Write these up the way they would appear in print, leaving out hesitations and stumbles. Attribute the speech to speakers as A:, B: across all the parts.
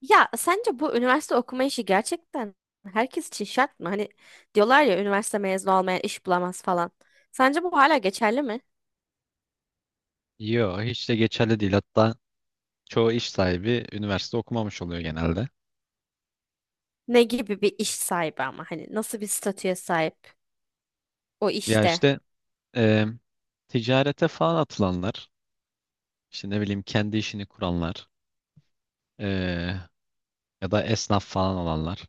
A: Ya sence bu üniversite okuma işi gerçekten herkes için şart mı? Hani diyorlar ya üniversite mezunu olmayan iş bulamaz falan. Sence bu hala geçerli mi?
B: Yo, hiç de geçerli değil. Hatta çoğu iş sahibi üniversite okumamış oluyor genelde.
A: Ne gibi bir iş sahibi ama hani nasıl bir statüye sahip o
B: Ya
A: işte?
B: işte e, ticarete falan atılanlar, işte ne bileyim kendi işini kuranlar e, ya da esnaf falan olanlar.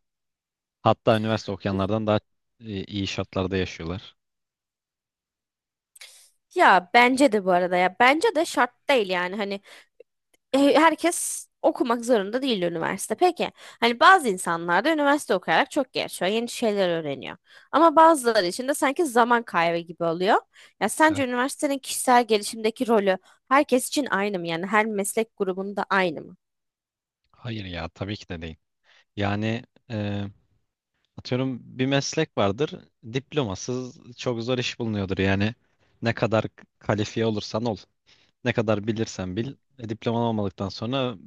B: Hatta üniversite okuyanlardan daha iyi şartlarda yaşıyorlar.
A: Ya bence de bu arada ya bence de şart değil yani hani herkes okumak zorunda değil üniversite. Peki hani bazı insanlar da üniversite okuyarak çok gelişiyor, yeni şeyler öğreniyor. Ama bazıları için de sanki zaman kaybı gibi oluyor. Ya sence
B: Evet.
A: üniversitenin kişisel gelişimdeki rolü herkes için aynı mı? Yani her meslek grubunda aynı mı?
B: Hayır ya tabii ki de değil. Yani e, atıyorum bir meslek vardır. Diplomasız çok zor iş bulunuyordur. Yani ne kadar kalifiye olursan ol. Ne kadar bilirsen bil, diploman olmadıktan sonra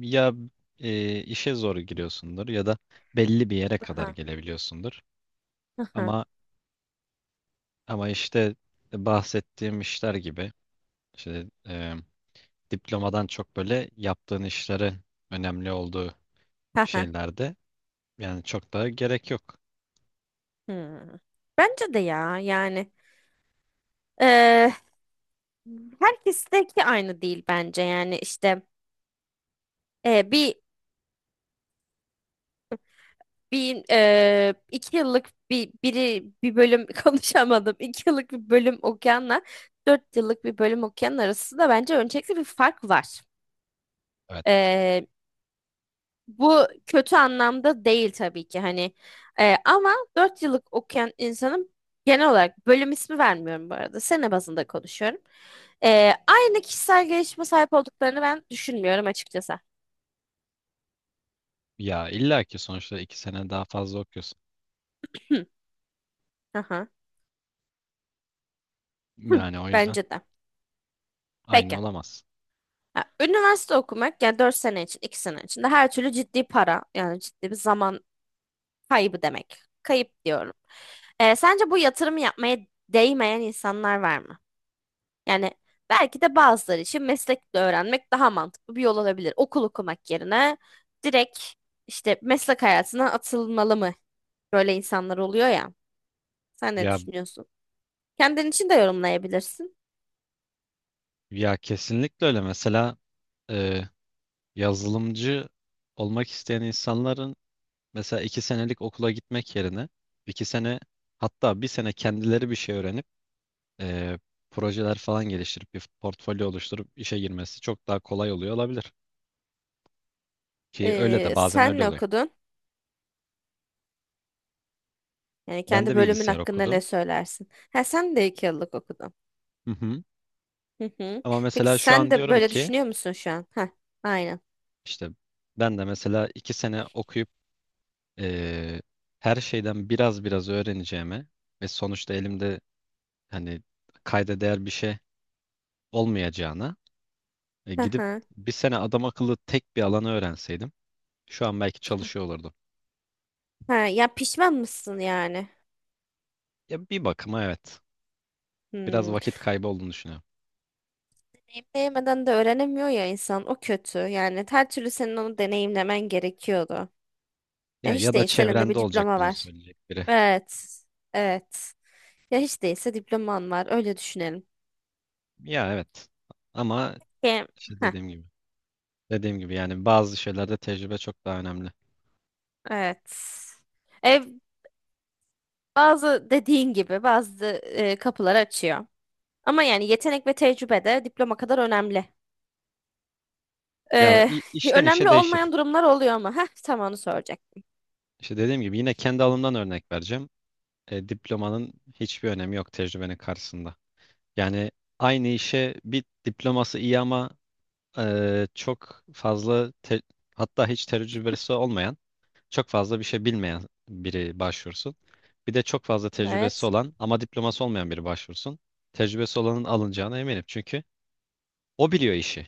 B: ya işe zor giriyorsundur ya da belli bir yere kadar
A: Aha.
B: gelebiliyorsundur.
A: Aha.
B: Ama ama işte bahsettiğim işler gibi işte diplomadan çok böyle yaptığın işlerin önemli olduğu
A: Aha.
B: şeylerde yani çok daha gerek yok.
A: Hmm. Bence de ya yani eee herkesteki aynı değil bence yani işte eee, bir bir iki yıllık bir bölüm konuşamadım iki yıllık bir bölüm okuyanla dört yıllık bir bölüm okuyan arasında bence öncelikle bir fark
B: Evet.
A: var. Bu kötü anlamda değil tabii ki hani. Ama 4 yıllık okuyan insanın genel olarak, bölüm ismi vermiyorum bu arada, sene bazında konuşuyorum. Aynı kişisel gelişime sahip olduklarını ben düşünmüyorum açıkçası.
B: Ya illa ki sonuçta iki sene daha fazla okuyorsun.
A: Hı, aha, hı,
B: Yani o yüzden
A: bence de.
B: aynı
A: Peki.
B: olamaz.
A: Ha, üniversite okumak yani 4 sene için 2 sene içinde her türlü ciddi para yani ciddi bir zaman kaybı demek. Kayıp diyorum. Sence bu yatırımı yapmaya değmeyen insanlar var mı? Yani belki de bazıları için meslekle öğrenmek daha mantıklı bir yol olabilir. Okul okumak yerine direkt işte meslek hayatına atılmalı mı? Böyle insanlar oluyor ya. Sen ne
B: Ya
A: düşünüyorsun? Kendin için de yorumlayabilirsin.
B: ya kesinlikle öyle. Mesela e, yazılımcı olmak isteyen insanların mesela iki senelik okula gitmek yerine iki sene hatta bir sene kendileri bir şey öğrenip eee, projeler falan geliştirip bir portfolyo oluşturup işe girmesi çok daha kolay oluyor olabilir. Ki öyle de bazen
A: Sen
B: öyle
A: ne
B: oluyor.
A: okudun? Yani
B: Ben
A: kendi
B: de
A: bölümün
B: bilgisayar
A: hakkında ne
B: okudum.
A: söylersin? Ha sen de iki yıllık okudun.
B: Hı hı.
A: Hı hı.
B: Ama
A: Peki
B: mesela şu
A: sen
B: an
A: de
B: diyorum
A: böyle
B: ki
A: düşünüyor musun şu an? Ha, aynen.
B: işte ben de mesela iki sene okuyup eee, her şeyden biraz biraz öğreneceğime ve sonuçta elimde hani kayda değer bir şey olmayacağına
A: Hı
B: gidip
A: hı.
B: bir sene adam akıllı tek bir alanı öğrenseydim şu an belki çalışıyor olurdum.
A: Ha, ya pişman mısın yani?
B: Ya bir bakıma evet. Biraz
A: Hmm.
B: vakit kaybı olduğunu düşünüyorum.
A: Deneyimleyemeden de öğrenemiyor ya insan. O kötü. Yani her türlü senin onu deneyimlemen gerekiyordu. Ya
B: Ya
A: hiç
B: ya da
A: değilse elinde bir
B: çevrende olacak
A: diploma
B: bunu
A: var.
B: söyleyecek biri.
A: Evet. Evet. Ya hiç değilse diploman var. Öyle düşünelim.
B: Ya evet. Ama
A: Hem-
B: işte
A: Heh,
B: dediğim gibi. Dediğim gibi yani bazı şeylerde tecrübe çok daha önemli.
A: evet. E, Bazı, dediğin gibi, bazı kapılar açıyor. Ama yani yetenek ve tecrübe de diploma kadar önemli.
B: Ya
A: E,
B: işten işe
A: önemli
B: değişir.
A: olmayan durumlar oluyor ama. Heh, tam onu soracak.
B: İşte dediğim gibi yine kendi alımdan örnek vereceğim. E, diplomanın hiçbir önemi yok tecrübenin karşısında. Yani aynı işe bir diploması iyi ama çok fazla hatta hiç tecrübesi olmayan, çok fazla bir şey bilmeyen biri başvursun. Bir de çok fazla tecrübesi
A: Evet.
B: olan ama diploması olmayan biri başvursun. Tecrübesi olanın alınacağına eminim çünkü o biliyor işi.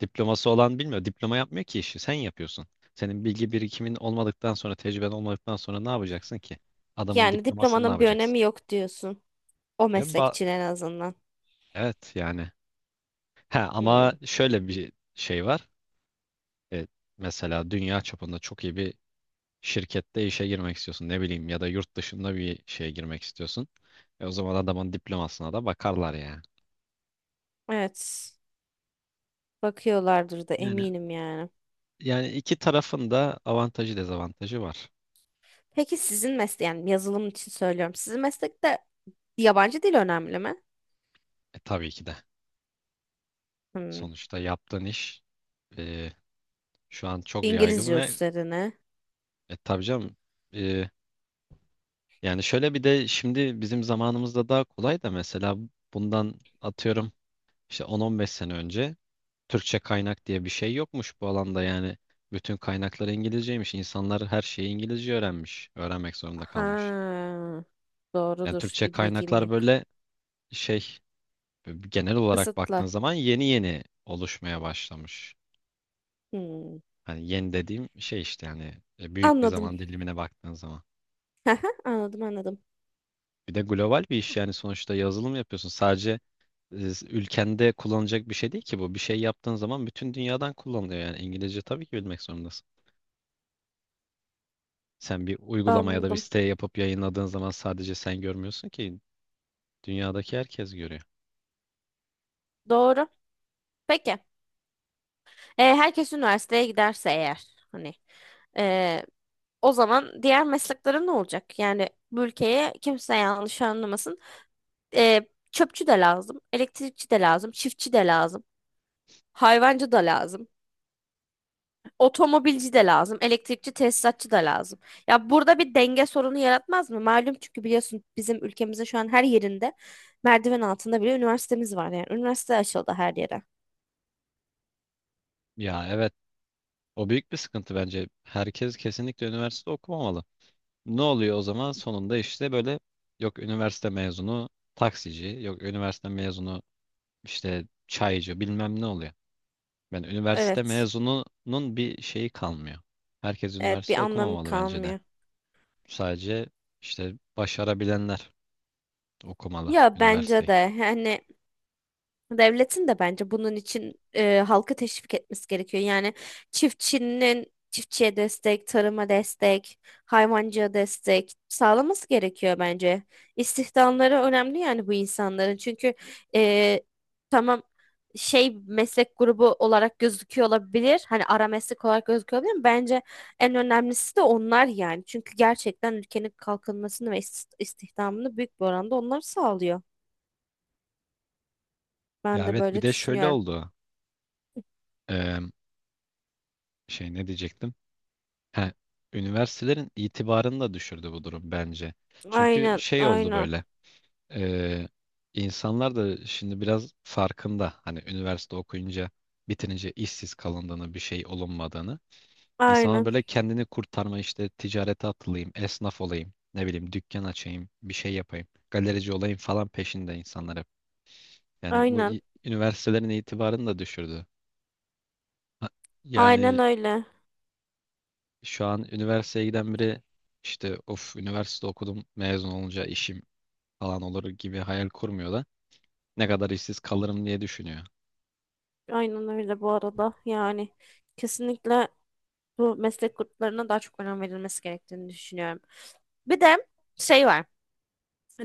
B: Diploması olan bilmiyor. Diploma yapmıyor ki işi. Sen yapıyorsun. Senin bilgi birikimin olmadıktan sonra, tecrüben olmadıktan sonra ne yapacaksın ki? Adamın
A: Yani
B: diplomasını ne
A: diplomanın bir
B: yapacaksın?
A: önemi yok diyorsun. O
B: E,
A: meslek
B: ba-
A: için en azından.
B: evet yani. Ha, ama
A: Hmm.
B: şöyle bir şey var. E, mesela dünya çapında çok iyi bir şirkette işe girmek istiyorsun ne bileyim ya da yurt dışında bir şeye girmek istiyorsun. E o zaman adamın diplomasına da bakarlar ya.
A: Evet. Bakıyorlardır da
B: Yani
A: eminim yani.
B: yani iki tarafın da avantajı dezavantajı var.
A: Peki sizin meslek, yani yazılım için söylüyorum, sizin meslekte yabancı dil önemli mi?
B: E tabii ki de.
A: Hmm.
B: Sonuçta yaptığın iş e, şu an çok yaygın
A: İngilizce
B: ve
A: üstlerine.
B: tabii canım e, yani şöyle bir de şimdi bizim zamanımızda daha kolay da mesela bundan atıyorum işte 10-15 sene önce Türkçe kaynak diye bir şey yokmuş bu alanda yani. Bütün kaynaklar İngilizceymiş. İnsanlar her şeyi İngilizce öğrenmiş. Öğrenmek zorunda kalmış.
A: Ha.
B: Yani
A: Doğrudur.
B: Türkçe
A: Bir bilgim
B: kaynaklar
A: yok.
B: böyle şey genel olarak baktığın
A: Kısıtlı.
B: zaman yeni yeni oluşmaya başlamış.
A: Hmm.
B: Hani yeni dediğim şey işte yani büyük bir
A: Anladım.
B: zaman dilimine baktığın zaman.
A: Haha, anladım, anladım.
B: Bir de global bir iş yani sonuçta yazılım yapıyorsun. Sadece ülkende kullanılacak bir şey değil ki bu. Bir şey yaptığın zaman bütün dünyadan kullanılıyor. Yani İngilizce tabii ki bilmek zorundasın. Sen bir uygulama ya da bir
A: Anladım.
B: site yapıp yayınladığın zaman sadece sen görmüyorsun ki dünyadaki herkes görüyor.
A: Doğru. Peki. Herkes üniversiteye giderse eğer hani, e, o zaman diğer mesleklerin ne olacak? Yani bu ülkeye kimse yanlış anlamasın. e, Çöpçü de lazım, elektrikçi de lazım, çiftçi de lazım, hayvancı da lazım, otomobilci de lazım, elektrikçi tesisatçı da lazım. Ya burada bir denge sorunu yaratmaz mı? Malum çünkü biliyorsun bizim ülkemizde şu an her yerinde merdiven altında bile üniversitemiz var yani. Üniversite açıldı her yere.
B: Ya evet o büyük bir sıkıntı bence. Herkes kesinlikle üniversite okumamalı. Ne oluyor o zaman? Sonunda işte böyle yok üniversite mezunu taksici, yok üniversite mezunu işte çaycı bilmem ne oluyor. Ben üniversite
A: Evet.
B: mezununun bir şeyi kalmıyor. Herkes
A: Evet, bir
B: üniversite
A: anlamı
B: okumamalı bence de.
A: kalmıyor.
B: Sadece işte başarabilenler okumalı
A: Ya bence
B: üniversiteyi.
A: de hani devletin de bence bunun için halkı teşvik etmesi gerekiyor. Yani çiftçinin, çiftçiye destek, tarıma destek, hayvancıya destek sağlaması gerekiyor bence. İstihdamları önemli yani bu insanların. Çünkü e, tamam, şey, meslek grubu olarak gözüküyor olabilir. Hani ara meslek olarak gözüküyor olabilir ama bence en önemlisi de onlar yani. Çünkü gerçekten ülkenin kalkınmasını ve istihdamını büyük bir oranda onlar sağlıyor. Ben
B: Ya
A: de
B: evet bir
A: böyle
B: de şöyle
A: düşünüyorum.
B: oldu. Eee, şey ne diyecektim? Ha, üniversitelerin itibarını da düşürdü bu durum bence. Çünkü
A: Aynen,
B: şey oldu
A: aynen,
B: böyle. eee, insanlar da şimdi biraz farkında. Hani üniversite okuyunca bitirince işsiz kalındığını, bir şey olunmadığını. İnsanlar
A: aynen,
B: böyle kendini kurtarma işte ticarete atılayım, esnaf olayım, ne bileyim dükkan açayım, bir şey yapayım, galerici olayım falan peşinde insanlar hep. Yani
A: aynen,
B: üniversitelerin itibarını da düşürdü. Ha,
A: aynen
B: yani
A: öyle.
B: şu an üniversiteye giden biri işte of üniversite okudum mezun olunca işim falan olur gibi hayal kurmuyor da ne kadar işsiz kalırım diye düşünüyor.
A: Aynen öyle bu arada. Yani kesinlikle bu meslek gruplarına daha çok önem verilmesi gerektiğini düşünüyorum. Bir de şey var.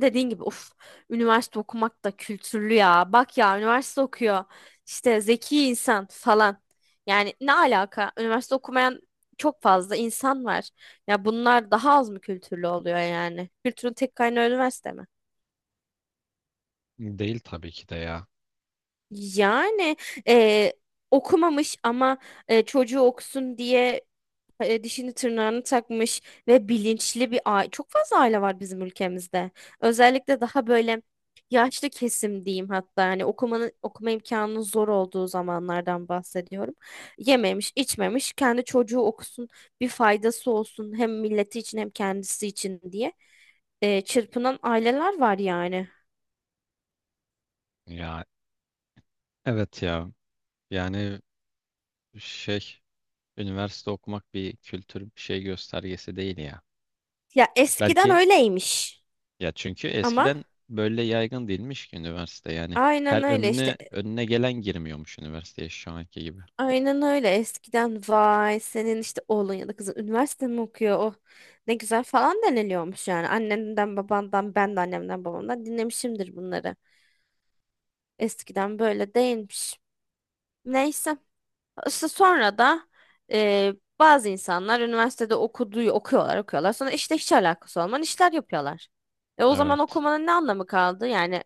A: Dediğin gibi, uf, üniversite okumak da kültürlü ya. Bak ya üniversite okuyor. İşte zeki insan falan. Yani ne alaka? Üniversite okumayan çok fazla insan var. Ya bunlar daha az mı kültürlü oluyor yani? Kültürün tek kaynağı üniversite mi?
B: Değil tabii ki de ya.
A: Yani e, okumamış ama çocuğu okusun diye dişini tırnağını takmış ve bilinçli bir aile. Çok fazla aile var bizim ülkemizde. Özellikle daha böyle yaşlı kesim diyeyim, hatta hani okumanın, okuma imkanının zor olduğu zamanlardan bahsediyorum. Yememiş, içmemiş, kendi çocuğu okusun, bir faydası olsun hem milleti için hem kendisi için diye çırpınan aileler var yani.
B: Ya evet ya. Yani şey üniversite okumak bir kültür bir şey göstergesi değil ya.
A: Ya eskiden
B: Belki
A: öyleymiş
B: ya çünkü
A: ama.
B: eskiden böyle yaygın değilmiş ki üniversite yani
A: Aynen
B: her
A: öyle işte.
B: önüne önüne gelen girmiyormuş üniversiteye şu anki gibi.
A: Aynen öyle. Eskiden vay senin işte oğlun ya da kızın üniversite mi okuyor? Oh ne güzel falan deniliyormuş yani. Annenden babandan, ben de annemden babamdan dinlemişimdir bunları. Eskiden böyle değilmiş. Neyse. İşte sonra da e, bazı insanlar üniversitede okuyorlar. Sonra işte hiç alakası olmayan işler yapıyorlar. E o zaman
B: Evet.
A: okumanın ne anlamı kaldı? Yani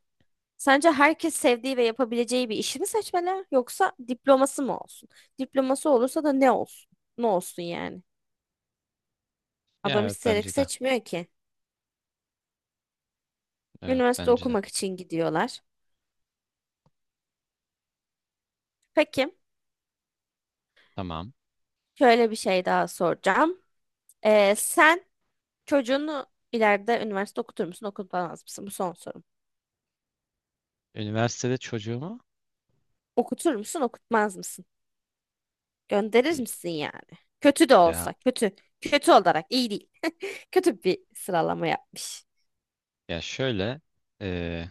A: sence herkes sevdiği ve yapabileceği bir işi mi seçmeli yoksa diploması mı olsun? Diploması olursa da ne olsun? Ne olsun yani?
B: Ya
A: Adam
B: evet
A: isteyerek
B: bence de.
A: seçmiyor ki.
B: Evet
A: Üniversite
B: bence de.
A: okumak için gidiyorlar. Peki,
B: Tamam.
A: şöyle bir şey daha soracağım. Sen çocuğunu ileride üniversite okutur musun, okutmaz mısın? Bu son sorum.
B: Üniversitede çocuğumu
A: Okutur musun, okutmaz mısın? Gönderir
B: e,
A: misin yani? Kötü de
B: ya
A: olsa, kötü. Kötü olarak iyi değil. Kötü bir sıralama yapmış.
B: ya şöyle e,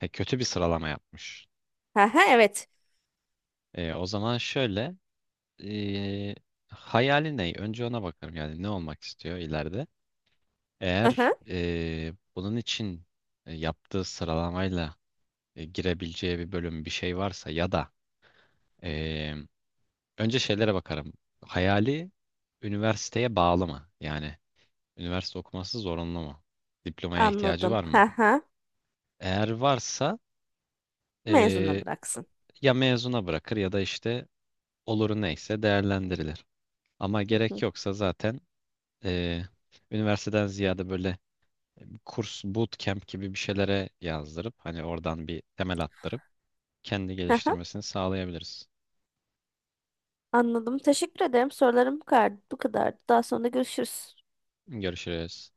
B: kötü bir sıralama yapmış.
A: Aha, evet.
B: E, o zaman şöyle e, hayali ne? Önce ona bakarım yani ne olmak istiyor ileride. Eğer bunun için yaptığı sıralamayla girebileceği bir bölüm bir şey varsa ya da e, önce şeylere bakarım. Hayali üniversiteye bağlı mı? Yani üniversite okuması zorunlu mu? Diplomaya ihtiyacı
A: Anladım.
B: var
A: Hı
B: mı?
A: hı.
B: Eğer varsa
A: Mezuna
B: e,
A: bıraksın.
B: ya mezuna bırakır ya da işte oluru neyse değerlendirilir. Ama
A: Hı
B: gerek
A: hı.
B: yoksa zaten eee, üniversiteden ziyade böyle kurs bootcamp gibi bir şeylere yazdırıp hani oradan bir temel attırıp kendi
A: Hı hı.
B: geliştirmesini sağlayabiliriz.
A: Anladım. Teşekkür ederim. Sorularım bu kadar. Bu kadar. Daha sonra görüşürüz.
B: Görüşürüz.